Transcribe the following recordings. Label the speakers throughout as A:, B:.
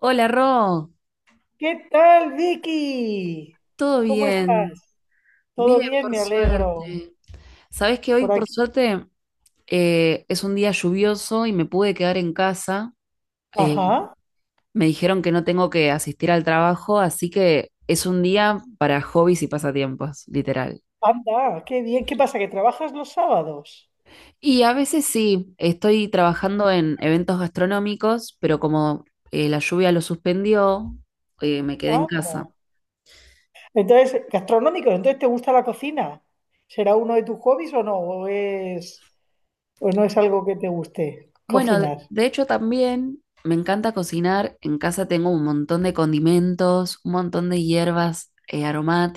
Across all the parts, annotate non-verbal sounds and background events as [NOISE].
A: Hola, Ro,
B: ¿Qué tal, Vicky?
A: ¿todo
B: ¿Cómo
A: bien?
B: estás?
A: Bien,
B: ¿Todo bien?
A: por
B: Me alegro.
A: suerte. Sabés que hoy,
B: Por
A: por
B: aquí.
A: suerte, es un día lluvioso y me pude quedar en casa. Eh,
B: Ajá.
A: Me dijeron que no tengo que asistir al trabajo, así que es un día para hobbies y pasatiempos, literal.
B: Anda, qué bien. ¿Qué pasa? ¿Que trabajas los sábados?
A: Y a veces sí, estoy trabajando en eventos gastronómicos, pero como la lluvia lo suspendió, me quedé en
B: Anda.
A: casa.
B: Entonces, gastronómico, entonces, ¿te gusta la cocina? ¿Será uno de tus hobbies o no? O no es algo que te guste
A: Bueno, de
B: cocinar?
A: de hecho también me encanta cocinar. En casa tengo un montón de condimentos, un montón de hierbas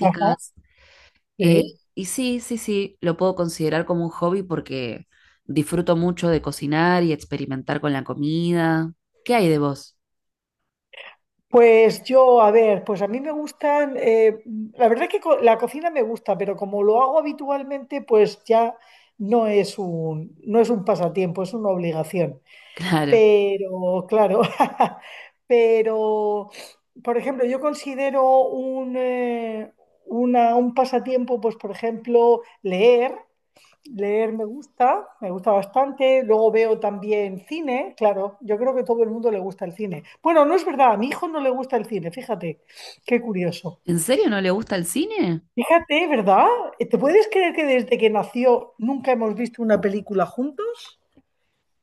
B: Ajá,
A: Eh,
B: sí.
A: y sí, sí, sí, lo puedo considerar como un hobby porque disfruto mucho de cocinar y experimentar con la comida. ¿Qué hay de vos? [LAUGHS]
B: Pues yo, a ver, pues a mí me gustan, la verdad que la cocina me gusta, pero como lo hago habitualmente, pues ya no es un pasatiempo, es una obligación.
A: Claro.
B: Pero, claro, [LAUGHS] pero, por ejemplo, yo considero un pasatiempo, pues por ejemplo, leer. Leer me gusta bastante. Luego veo también cine, claro. Yo creo que todo el mundo le gusta el cine. Bueno, no es verdad, a mi hijo no le gusta el cine, fíjate, qué curioso.
A: ¿En serio no le gusta el cine?
B: Fíjate, ¿verdad? ¿Te puedes creer que desde que nació nunca hemos visto una película juntos?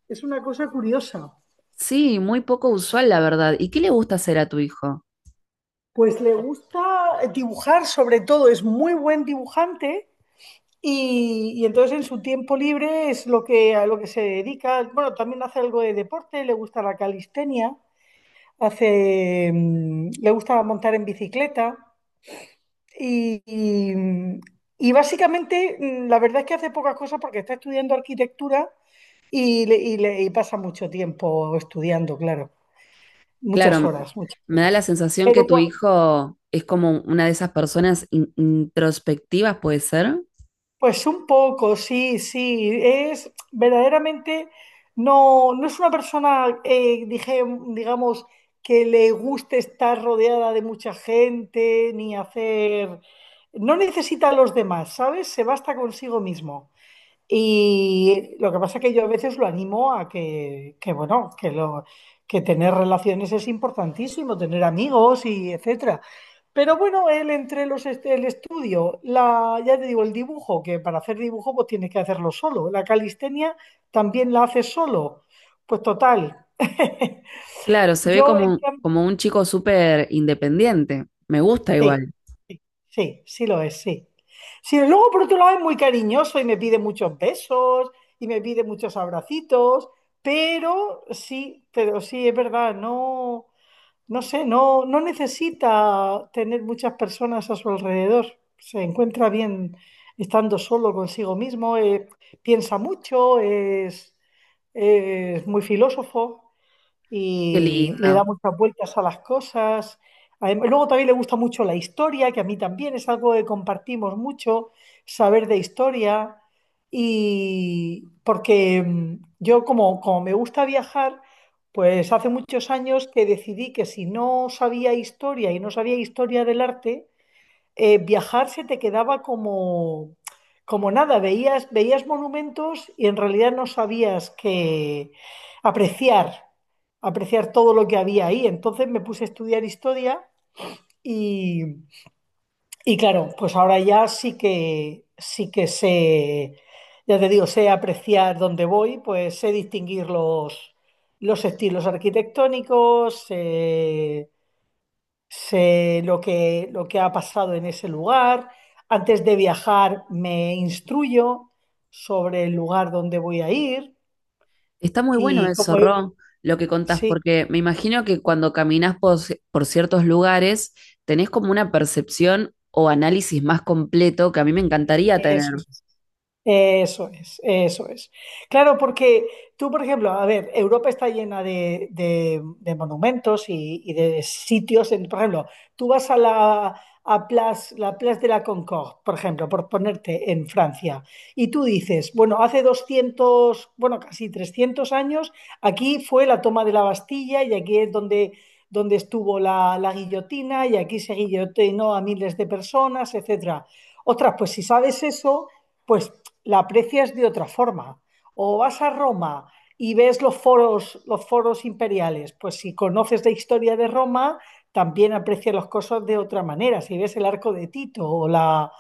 B: Es una cosa curiosa.
A: Sí, muy poco usual, la verdad. ¿Y qué le gusta hacer a tu hijo?
B: Pues le gusta dibujar, sobre todo. Es muy buen dibujante y, entonces en su tiempo libre es a lo que se dedica. Bueno, también hace algo de deporte, le gusta la calistenia. Le gusta montar en bicicleta y, y, mm, y básicamente, la verdad es que hace pocas cosas porque está estudiando arquitectura y pasa mucho tiempo estudiando, claro, muchas
A: Claro,
B: horas, muchas
A: me da la
B: horas.
A: sensación que
B: Pero,
A: tu
B: cua-
A: hijo es como una de esas personas introspectivas, ¿puede ser?
B: Pues un poco, sí, sí. Es verdaderamente, no, no es una persona, digamos, que le guste estar rodeada de mucha gente, ni hacer... No necesita a los demás, ¿sabes? Se basta consigo mismo. Y lo que pasa es que yo a veces lo animo a que, bueno, que lo, que tener relaciones es importantísimo, tener amigos, y etcétera. Pero bueno, él, entre el estudio, la, ya te digo, el dibujo, que para hacer dibujo pues tienes que hacerlo solo. La calistenia también la haces solo. Pues total. [LAUGHS]
A: Claro, se ve
B: Yo
A: como, como un chico súper independiente. Me gusta
B: Sí,
A: igual.
B: sí, sí, sí lo es, sí. Sí, luego por otro lado es muy cariñoso y me pide muchos besos y me pide muchos abracitos, pero sí, es verdad. No, no sé, no, no necesita tener muchas personas a su alrededor. Se encuentra bien estando solo consigo mismo. Piensa mucho, es muy filósofo
A: Qué
B: y le da
A: lindo.
B: muchas vueltas a las cosas. Luego también le gusta mucho la historia, que a mí también es algo que compartimos mucho, saber de historia. Y porque, yo, como me gusta viajar, pues hace muchos años que decidí que si no sabía historia y no sabía historia del arte, viajar se te quedaba como, como nada. Veías monumentos y en realidad no sabías que apreciar, apreciar, todo lo que había ahí. Entonces me puse a estudiar historia y, y claro, pues ahora ya sí que sé, ya te digo, sé apreciar dónde voy, pues sé distinguir los estilos arquitectónicos, sé lo que ha pasado en ese lugar. Antes de viajar me instruyo sobre el lugar donde voy a ir
A: Está muy bueno
B: y
A: eso,
B: como
A: Ro, lo que contás,
B: sí,
A: porque me imagino que cuando caminás por, por ciertos lugares tenés como una percepción o análisis más completo que a mí me encantaría tener.
B: eso. Eso es, eso es. Claro, porque tú, por ejemplo, a ver, Europa está llena de monumentos y de sitios. En, por ejemplo, tú vas a la a Place, la Place de la Concorde, por ejemplo, por ponerte en Francia, y tú dices, bueno, hace casi 300 años, aquí fue la toma de la Bastilla y aquí es donde, estuvo la guillotina y aquí se guillotinó a miles de personas, etcétera. Otras, pues si sabes eso, pues la aprecias de otra forma. O vas a Roma y ves los foros, imperiales. Pues si conoces la historia de Roma, también aprecias las cosas de otra manera. Si ves el arco de Tito o la,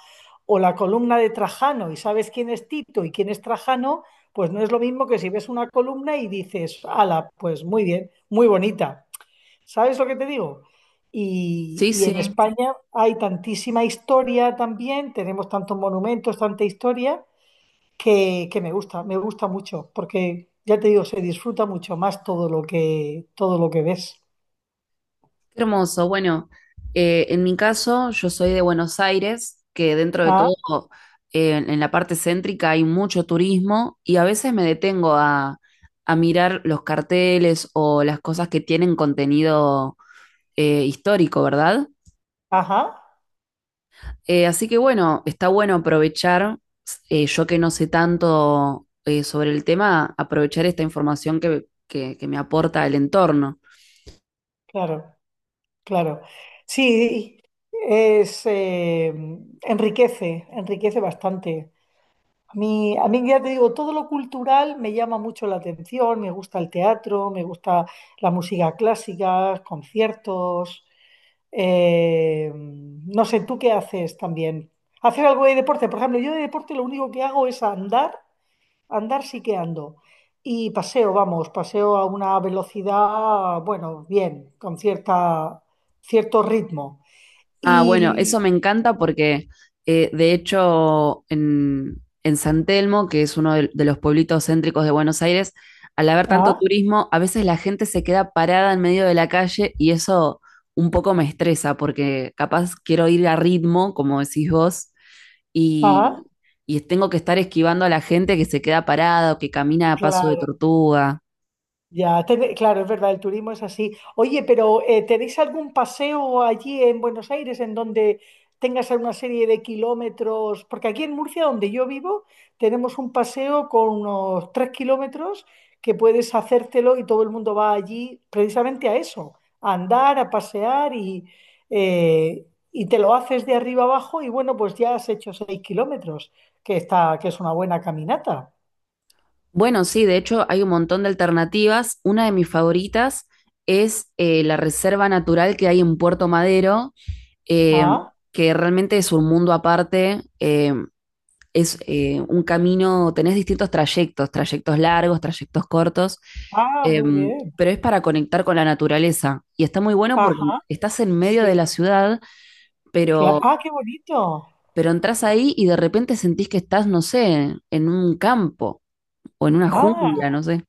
B: o la columna de Trajano, y sabes quién es Tito y quién es Trajano, pues no es lo mismo que si ves una columna y dices, ala, pues muy bien, muy bonita. ¿Sabes lo que te digo?
A: Sí,
B: Y en
A: sí.
B: España hay tantísima historia también, tenemos tantos monumentos, tanta historia, que me gusta mucho, porque ya te digo, se disfruta mucho más todo lo que ves.
A: Qué hermoso. Bueno, en mi caso, yo soy de Buenos Aires, que dentro de
B: Ah,
A: todo, en la parte céntrica hay mucho turismo y a veces me detengo a mirar los carteles o las cosas que tienen contenido histórico, ¿verdad?
B: ajá,
A: Así que bueno, está bueno aprovechar, yo que no sé tanto sobre el tema, aprovechar esta información que me aporta el entorno.
B: claro, claro. Sí, es, eh, enriquece, bastante. A mí ya te digo, todo lo cultural me llama mucho la atención, me gusta el teatro, me gusta la música clásica, conciertos. No sé, ¿tú qué haces también? ¿Haces algo de deporte? Por ejemplo, yo de deporte lo único que hago es andar, andar sí que ando. Y paseo, vamos, paseo a una velocidad, bueno, bien, con cierto ritmo.
A: Ah, bueno,
B: Y...
A: eso me encanta porque de hecho en San Telmo, que es uno de los pueblitos céntricos de Buenos Aires, al haber tanto
B: Ah,
A: turismo, a veces la gente se queda parada en medio de la calle y eso un poco me estresa porque capaz quiero ir a ritmo, como decís vos,
B: ah,
A: y, y tengo que estar esquivando a la gente que se queda parada o que camina a paso de
B: claro.
A: tortuga.
B: Ya, claro, es verdad, el turismo es así. Oye, pero, ¿tenéis algún paseo allí en Buenos Aires en donde tengas una serie de kilómetros? Porque aquí en Murcia, donde yo vivo, tenemos un paseo con unos 3 kilómetros que puedes hacértelo, y todo el mundo va allí precisamente a eso, a andar, a pasear, y y te lo haces de arriba abajo y bueno, pues ya has hecho 6 kilómetros, que está, que es una buena caminata.
A: Bueno, sí, de hecho hay un montón de alternativas. Una de mis favoritas es la reserva natural que hay en Puerto Madero, eh,
B: Ah,
A: que realmente es un mundo aparte. Es un camino, tenés distintos trayectos, trayectos largos, trayectos cortos,
B: ah,
A: eh,
B: muy bien.
A: pero es para conectar con la naturaleza. Y está muy bueno porque
B: Ajá.
A: estás en medio
B: Sí.
A: de la ciudad, pero,
B: Ah, qué bonito.
A: pero entras ahí y de repente sentís que estás, no sé, en un campo o en una
B: Ah,
A: jungla, no sé.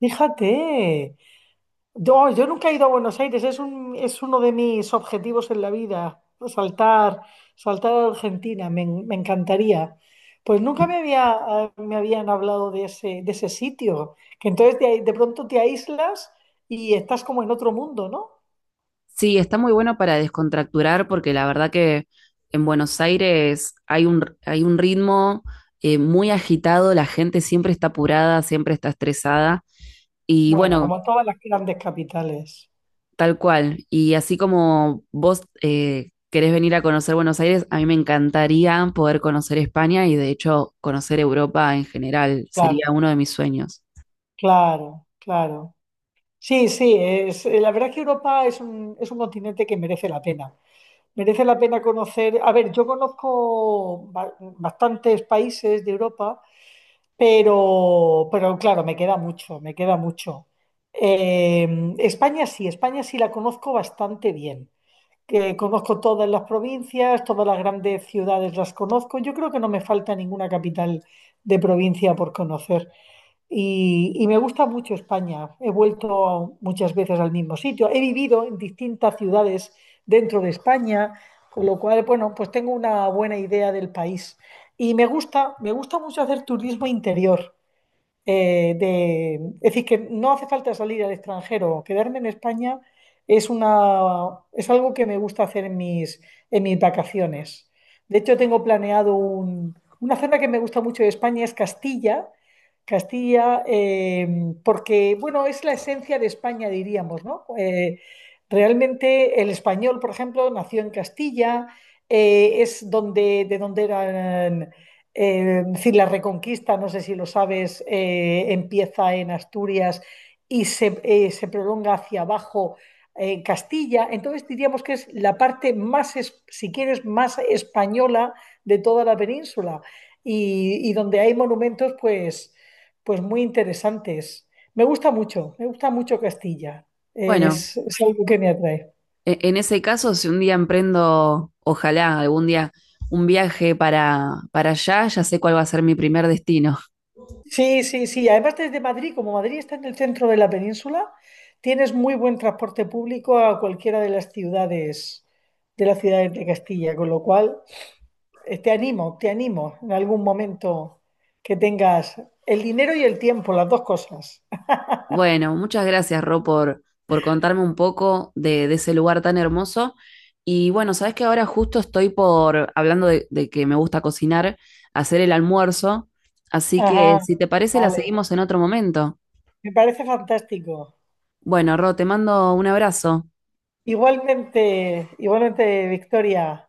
B: fíjate. Yo, oh, yo nunca he ido a Buenos Aires, es un, es uno de mis objetivos en la vida, saltar, saltar a Argentina. Me encantaría. Pues nunca me habían hablado de ese sitio, que entonces, de pronto te aíslas y estás como en otro mundo, ¿no?
A: Sí, está muy bueno para descontracturar porque la verdad que en Buenos Aires hay un ritmo muy agitado, la gente siempre está apurada, siempre está estresada y
B: Bueno,
A: bueno,
B: como todas las grandes capitales.
A: tal cual. Y así como vos querés venir a conocer Buenos Aires, a mí me encantaría poder conocer España y de hecho conocer Europa en general,
B: Claro,
A: sería uno de mis sueños.
B: claro, claro. Sí, sí, la verdad es que Europa es un, continente que merece la pena. Merece la pena conocer. A ver, yo conozco bastantes países de Europa, pero claro, me queda mucho, me queda mucho. España sí la conozco bastante bien, que conozco todas las provincias, todas las grandes ciudades las conozco. Yo creo que no me falta ninguna capital de provincia por conocer. Y me gusta mucho España. He vuelto muchas veces al mismo sitio. He vivido en distintas ciudades dentro de España, con lo cual, bueno, pues tengo una buena idea del país. Y me gusta mucho hacer turismo interior, de, es decir, que no hace falta salir al extranjero. Quedarme en España es una, es algo que me gusta hacer en mis vacaciones. De hecho, tengo planeado una zona que me gusta mucho de España es Castilla, Castilla, eh, porque, bueno, es la esencia de España, diríamos, ¿no? Realmente el español, por ejemplo, nació en Castilla, es donde, de donde eran, es decir, la Reconquista, no sé si lo sabes, empieza en Asturias y se prolonga hacia abajo, en Castilla. Entonces diríamos que es la parte más, si quieres, más española de toda la península, y donde hay monumentos pues, muy interesantes. Me gusta mucho Castilla.
A: Bueno,
B: Es algo que me atrae.
A: En ese caso, si un día emprendo, ojalá algún día, un viaje para allá, ya sé cuál va a ser mi primer destino.
B: Sí, sí, sí. Además, desde Madrid, como Madrid está en el centro de la península, tienes muy buen transporte público a cualquiera de las ciudades, de Castilla, con lo cual, te animo en algún momento que tengas el dinero y el tiempo, las dos cosas. [LAUGHS]
A: Bueno, muchas gracias, Ro, por contarme un poco de ese lugar tan hermoso. Y bueno, sabes que ahora justo estoy por, hablando de que me gusta cocinar, hacer el almuerzo. Así que
B: Ajá,
A: si te parece, la
B: vale.
A: seguimos en otro momento.
B: Me parece fantástico.
A: Bueno, Ro, te mando un abrazo.
B: Igualmente, igualmente, Victoria.